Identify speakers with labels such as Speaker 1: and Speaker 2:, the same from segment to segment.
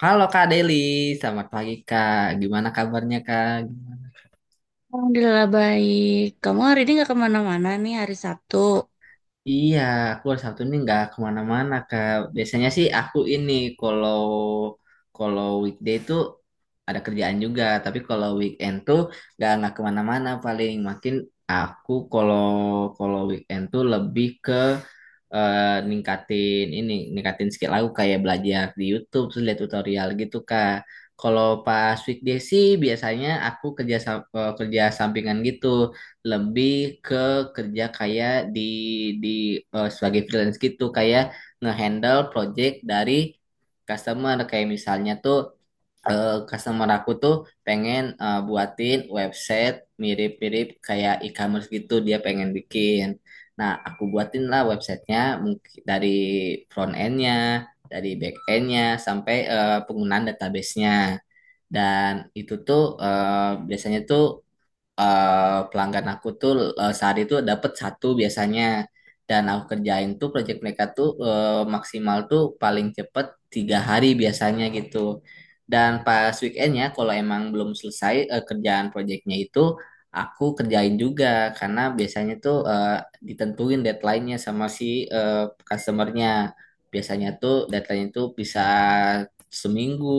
Speaker 1: Halo Kak Deli, selamat pagi Kak. Gimana kabarnya Kak?
Speaker 2: Alhamdulillah baik. Kamu hari ini nggak kemana-mana nih hari Sabtu.
Speaker 1: Iya, aku hari Sabtu ini nggak kemana-mana Kak. Biasanya sih aku ini kalau kalau weekday itu ada kerjaan juga, tapi kalau weekend tuh nggak kemana-mana paling. Makin aku kalau kalau weekend tuh lebih ke eh, ningkatin ini, ningkatin skill aku kayak belajar di YouTube terus lihat tutorial gitu Kak. Kalau pas weekday sih biasanya aku kerja sampingan gitu, lebih ke kerja kayak di di sebagai freelance gitu kayak ngehandle project dari customer kayak misalnya tuh customer aku tuh pengen buatin website mirip-mirip kayak e-commerce gitu dia pengen bikin. Nah, aku buatin lah websitenya mungkin dari front endnya, dari back endnya, sampai penggunaan databasenya. Dan itu tuh biasanya tuh pelanggan aku tuh sehari itu dapat satu biasanya dan aku kerjain tuh project mereka tuh maksimal tuh paling cepet 3 hari biasanya gitu dan pas weekendnya kalau emang belum selesai kerjaan projectnya itu aku kerjain juga karena biasanya tuh ditentuin deadline-nya sama si eh, customer-nya biasanya tuh deadline itu bisa seminggu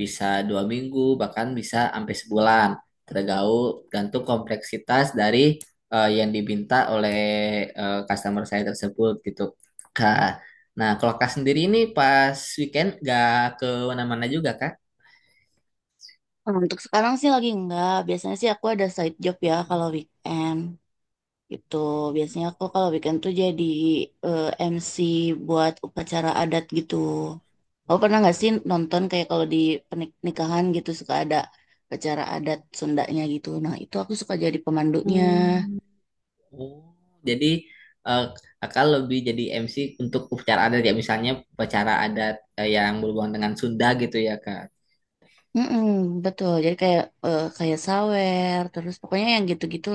Speaker 1: bisa dua minggu bahkan bisa sampai sebulan tergaul gantung kompleksitas dari yang diminta oleh customer saya tersebut gitu Kak. Nah, kalau Kak sendiri ini pas weekend gak ke mana-mana juga Kak?
Speaker 2: Oh, untuk sekarang sih lagi nggak. Biasanya sih aku ada side job ya kalau weekend gitu. Biasanya aku kalau weekend tuh jadi eh, MC buat upacara adat gitu. Kamu pernah nggak sih nonton kayak kalau di pernikahan gitu suka ada acara adat Sundanya gitu. Nah itu aku suka jadi pemandunya.
Speaker 1: Hmm, oh, jadi eh, Kakak lebih jadi MC untuk upacara adat ya misalnya upacara adat yang berhubungan dengan Sunda gitu ya Kak.
Speaker 2: Mm-mm, betul. Jadi kayak kayak sawer, terus pokoknya yang gitu-gitu.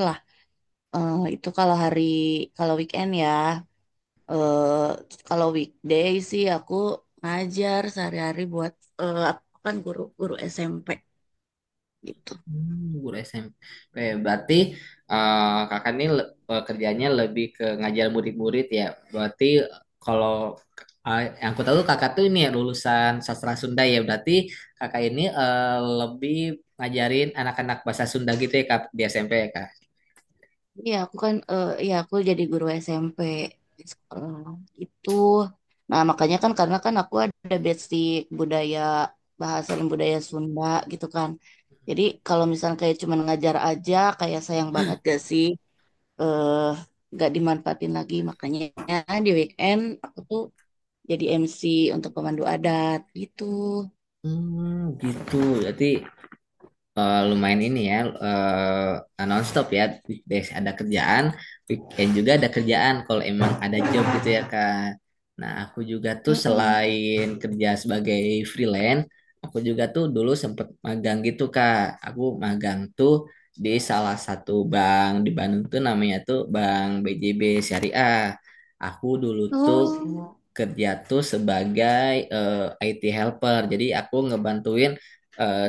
Speaker 2: Itu kalau weekend ya. Eh kalau weekday sih aku ngajar sehari-hari buat, aku kan guru guru SMP gitu.
Speaker 1: Hmm, guru SMP. Berarti kakak ini kerjanya lebih ke ngajar murid-murid ya. Berarti kalau yang aku tahu kakak tuh ini ya lulusan sastra Sunda ya. Berarti kakak ini lebih ngajarin anak-anak bahasa Sunda gitu ya kak di SMP ya kak.
Speaker 2: Iya aku kan aku jadi guru SMP di sekolah itu. Nah makanya kan karena kan aku ada basic budaya, bahasa dan budaya Sunda gitu kan. Jadi kalau misalnya kayak cuman ngajar aja kayak sayang banget gak sih, eh gak dimanfaatin lagi, makanya di weekend aku tuh jadi MC untuk pemandu adat gitu.
Speaker 1: Hmm, gitu. Berarti lumayan ini ya nonstop ya weekdays ada kerjaan weekend juga ada kerjaan kalau emang ada job gitu ya Kak. Nah aku juga tuh
Speaker 2: Mm-mm.
Speaker 1: selain kerja sebagai freelance aku juga tuh dulu sempet magang gitu Kak. Aku magang tuh di salah satu bank di Bandung tuh namanya tuh Bank BJB Syariah. Aku dulu tuh
Speaker 2: Oh,
Speaker 1: kerja tuh sebagai IT helper. Jadi aku ngebantuin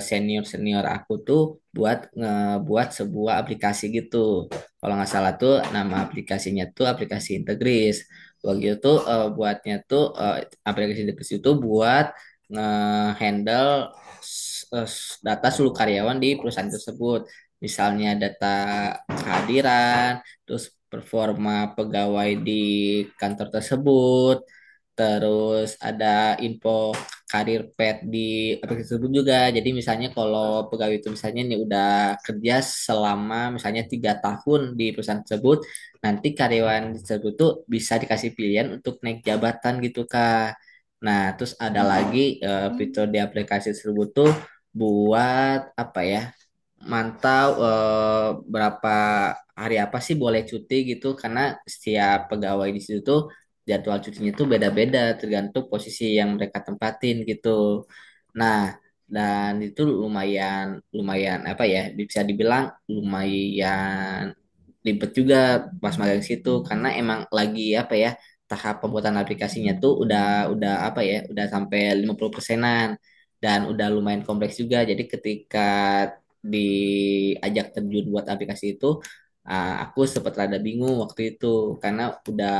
Speaker 1: senior senior aku tuh buat ngebuat sebuah aplikasi gitu. Kalau nggak salah tuh nama aplikasinya tuh aplikasi Integris. Begitu itu buatnya tuh aplikasi Integris itu buat ngehandle data seluruh karyawan di perusahaan tersebut. Misalnya data kehadiran, terus performa pegawai di kantor tersebut, terus ada info karir pet di aplikasi tersebut juga. Jadi misalnya kalau pegawai itu misalnya nih udah kerja selama misalnya 3 tahun di perusahaan tersebut, nanti karyawan tersebut tuh bisa dikasih pilihan untuk naik jabatan gitu Kak. Nah, terus ada lagi fitur
Speaker 2: mm,
Speaker 1: di aplikasi tersebut tuh buat apa ya? Mantau berapa hari apa sih boleh cuti gitu karena setiap pegawai di situ tuh jadwal cutinya tuh beda-beda tergantung posisi yang mereka tempatin gitu. Nah, dan itu lumayan lumayan apa ya bisa dibilang lumayan ribet juga pas magang situ karena emang lagi apa ya tahap pembuatan aplikasinya tuh udah apa ya udah sampai 50 persenan dan udah lumayan kompleks juga jadi ketika diajak terjun buat aplikasi itu ah, aku sempat rada bingung waktu itu karena udah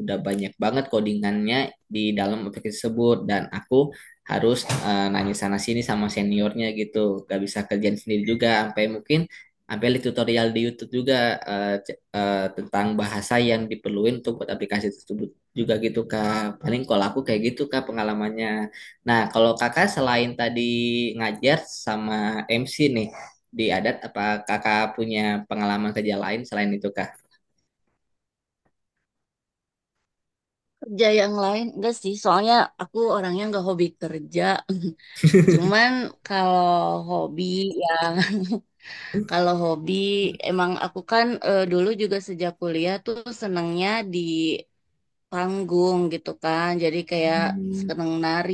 Speaker 1: udah banyak banget codingannya di dalam aplikasi tersebut dan aku harus nanya sana sini sama seniornya gitu gak bisa kerjaan sendiri juga sampai mungkin sampai lihat tutorial di YouTube juga tentang bahasa yang diperluin untuk buat aplikasi tersebut juga gitu Kak. Paling kalau aku kayak gitu Kak pengalamannya. Nah, kalau Kakak selain tadi ngajar sama MC nih di adat apa Kakak punya pengalaman kerja lain selain itu Kak?
Speaker 2: kerja yang lain enggak sih? Soalnya aku orangnya enggak hobi kerja. Cuman kalau hobi ya, kalau hobi emang aku kan, dulu juga sejak kuliah tuh senangnya di panggung gitu kan. Jadi kayak seneng nari,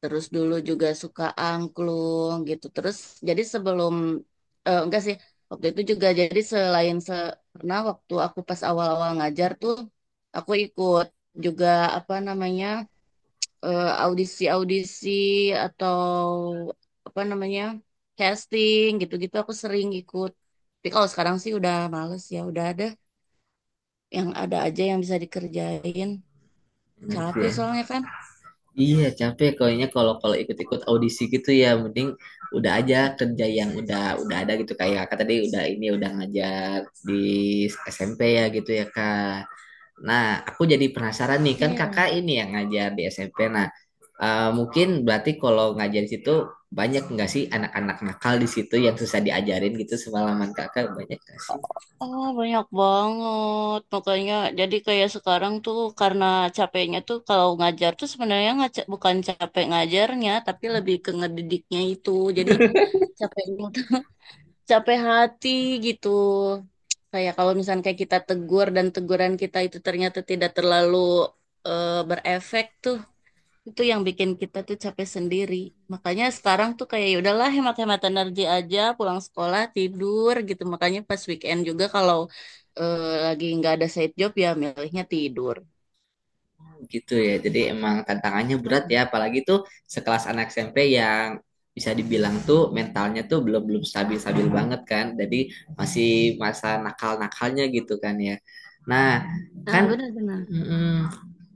Speaker 2: terus dulu juga suka angklung gitu. Terus jadi sebelum eh, enggak sih waktu itu juga jadi selain se karena waktu aku pas awal-awal ngajar tuh aku ikut juga apa namanya, audisi-audisi atau apa namanya, casting gitu-gitu aku sering ikut. Tapi kalau sekarang sih udah males ya, udah ada yang ada aja yang bisa dikerjain.
Speaker 1: Ngerti
Speaker 2: Capek
Speaker 1: ya?
Speaker 2: soalnya kan.
Speaker 1: Iya, capek kayaknya kalau kalau ikut-ikut audisi gitu ya mending udah aja kerja yang udah ada gitu kayak Kakak tadi udah ini udah ngajar di SMP ya gitu ya Kak. Nah, aku jadi penasaran nih, kan kakak
Speaker 2: Iya.
Speaker 1: ini yang ngajar di SMP. Nah, mungkin berarti kalau ngajar di situ banyak nggak sih anak-anak nakal di situ yang susah diajarin gitu semalaman kakak banyak nggak sih
Speaker 2: Oh, banyak banget. Makanya jadi kayak sekarang tuh karena capeknya tuh kalau ngajar tuh sebenarnya bukan capek ngajarnya, tapi lebih ke ngedidiknya itu. Jadi capeknya tuh capek hati gitu. Kayak kalau misalnya kayak kita tegur dan teguran kita itu ternyata tidak terlalu, berefek tuh, itu yang bikin kita tuh capek sendiri. Makanya sekarang tuh kayak ya udahlah hemat-hemat energi aja, pulang sekolah tidur gitu. Makanya pas weekend juga kalau lagi nggak ada side job ya milihnya tidur.
Speaker 1: gitu ya. Jadi emang tantangannya berat
Speaker 2: Mm-mm.
Speaker 1: ya, apalagi tuh sekelas anak SMP yang bisa dibilang tuh mentalnya tuh belum belum stabil stabil banget kan. Jadi masih masa nakal-nakalnya gitu kan ya. Nah,
Speaker 2: Nah,
Speaker 1: kan,
Speaker 2: benar-benar.
Speaker 1: mm,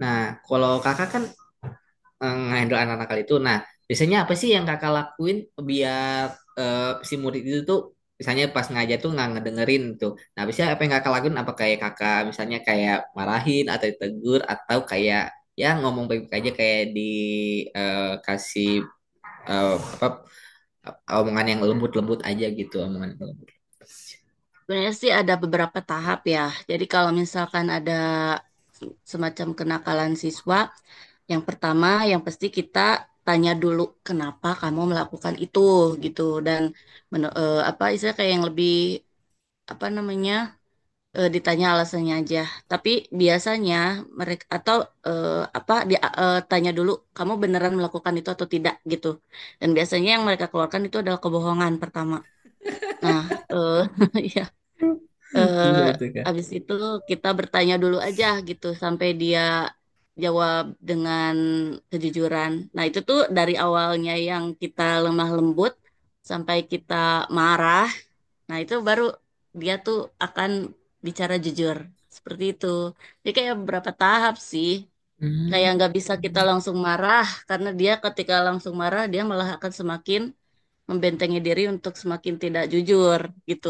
Speaker 1: nah kalau kakak kan ngehandle anak nakal itu. Nah, biasanya apa sih yang kakak lakuin biar eh, si murid itu tuh misalnya pas ngajar tuh nggak ngedengerin tuh. Nah, biasanya apa yang kakak lakuin? Apa kayak kakak misalnya kayak marahin atau ditegur atau kayak ya ngomong baik-baik aja kayak dikasih apa omongan yang lembut-lembut aja gitu omongan yang lembut.
Speaker 2: Sebenarnya sih ada beberapa tahap ya. Jadi kalau misalkan ada semacam kenakalan siswa, yang pertama yang pasti kita tanya dulu kenapa kamu melakukan itu gitu, dan apa istilah kayak yang lebih apa namanya, ditanya alasannya aja. Tapi biasanya mereka atau eh, tanya dulu kamu beneran melakukan itu atau tidak gitu. Dan biasanya yang mereka keluarkan itu adalah kebohongan pertama. Nah, eh ya, eh
Speaker 1: Itu
Speaker 2: habis itu kita bertanya dulu aja gitu sampai dia jawab dengan kejujuran. Nah, itu tuh dari awalnya yang kita lemah lembut sampai kita marah. Nah, itu baru dia tuh akan bicara jujur. Seperti itu. Jadi kayak beberapa tahap sih. Kayak
Speaker 1: kak.
Speaker 2: nggak bisa kita langsung marah, karena dia ketika langsung marah, dia malah akan semakin membentengi diri untuk semakin tidak jujur, gitu.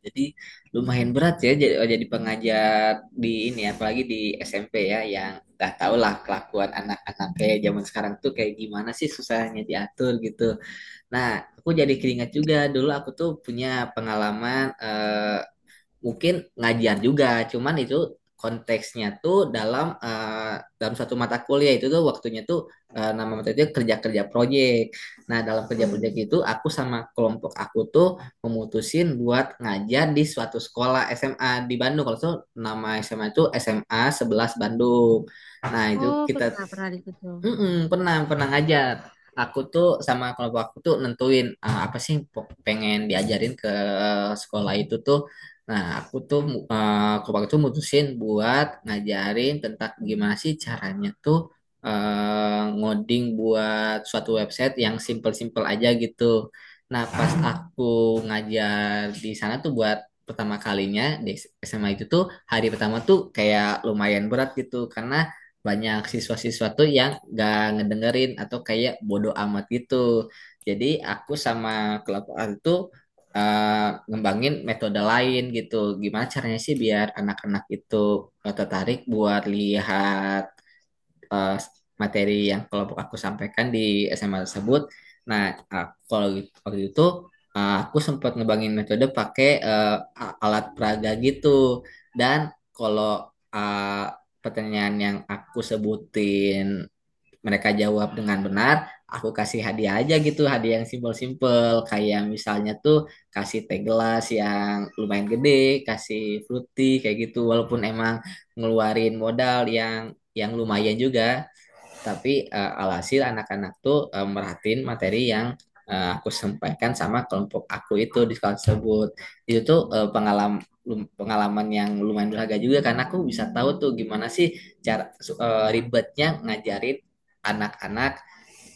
Speaker 1: Jadi lumayan berat ya jadi pengajar di ini apalagi di SMP ya yang nggak tau lah kelakuan anak-anak kayak zaman sekarang tuh kayak gimana sih susahnya diatur gitu. Nah, aku jadi keringat juga dulu aku tuh punya pengalaman mungkin ngajar juga, cuman itu konteksnya tuh dalam dalam suatu mata kuliah itu tuh waktunya tuh nama materinya kerja-kerja proyek. Nah, dalam kerja-proyek itu aku sama kelompok aku tuh memutusin buat ngajar di suatu sekolah SMA di Bandung. Kalau tuh nama SMA itu SMA 11 Bandung. Nah, itu kita mm-mm, pernah pernah ngajar. Aku tuh sama kelompok aku tuh nentuin ah, apa sih yang pengen diajarin ke sekolah itu tuh. Nah, aku tuh kelompok itu mutusin buat ngajarin tentang gimana sih caranya tuh ngoding buat suatu website yang simple-simple aja gitu. Nah, pas aku ngajar di sana tuh buat pertama kalinya di SMA itu tuh hari pertama tuh kayak lumayan berat gitu karena banyak siswa-siswa tuh yang gak ngedengerin atau kayak bodo amat gitu. Jadi aku sama kelompok aku tuh ngembangin metode lain gitu. Gimana caranya sih biar anak-anak itu tertarik buat lihat eh, materi yang kelompok aku sampaikan di SMA tersebut. Nah, aku, waktu itu aku sempat ngebangin metode pakai alat peraga gitu. Dan kalau eh, pertanyaan yang aku sebutin mereka jawab dengan benar, aku kasih hadiah aja gitu, hadiah yang simpel-simpel kayak misalnya tuh kasih teh gelas yang lumayan gede, kasih fruity kayak gitu walaupun emang ngeluarin modal yang lumayan juga tapi alhasil anak-anak tuh merhatiin materi yang aku sampaikan sama kelompok aku itu di sekolah tersebut. Itu tuh pengalaman pengalaman yang lumayan berharga juga karena aku bisa tahu tuh gimana sih ribetnya ngajarin anak-anak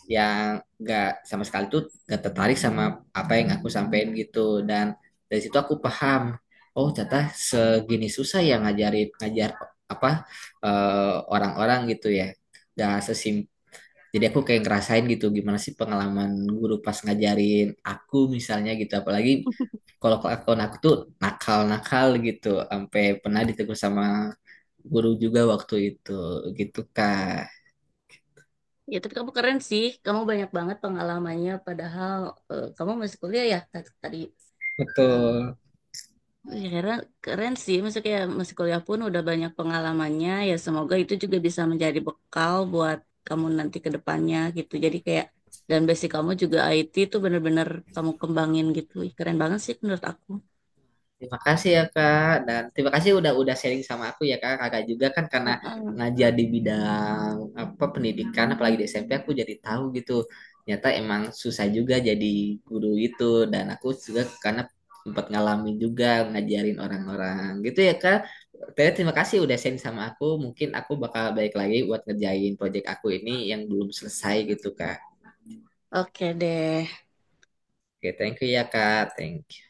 Speaker 1: yang gak sama sekali tuh gak tertarik sama apa yang aku sampaikan gitu dan dari situ aku paham oh ternyata segini susah ya ngajar apa orang-orang gitu ya. Dan sesim jadi aku kayak ngerasain gitu gimana sih pengalaman guru pas ngajarin aku misalnya gitu. Apalagi kalau kelakuan aku tuh nakal-nakal gitu. Sampai pernah ditegur sama guru juga waktu itu gitu Kak.
Speaker 2: Ya, tapi kamu keren sih. Kamu banyak banget pengalamannya, padahal kamu masih kuliah ya, tadi bilang.
Speaker 1: Betul.
Speaker 2: Wih, keren, keren sih, maksudnya kayak masih kuliah pun udah banyak pengalamannya, ya semoga itu juga bisa menjadi bekal buat kamu nanti ke depannya gitu. Jadi kayak, dan basic kamu juga IT itu bener-bener kamu kembangin gitu. Ih, keren banget sih menurut aku.
Speaker 1: Terima kasih ya Kak dan terima kasih udah sharing sama aku ya Kak. Kakak juga kan karena
Speaker 2: Heeh.
Speaker 1: ngajar di bidang apa pendidikan apalagi di SMP aku jadi tahu gitu. Ternyata emang susah juga jadi guru itu dan aku juga karena sempat ngalamin juga ngajarin orang-orang gitu ya Kak. Ternyata terima kasih udah sharing sama aku. Mungkin aku bakal balik lagi buat ngerjain project aku ini yang belum selesai gitu Kak.
Speaker 2: Oke deh.
Speaker 1: Oke, thank you ya Kak. Thank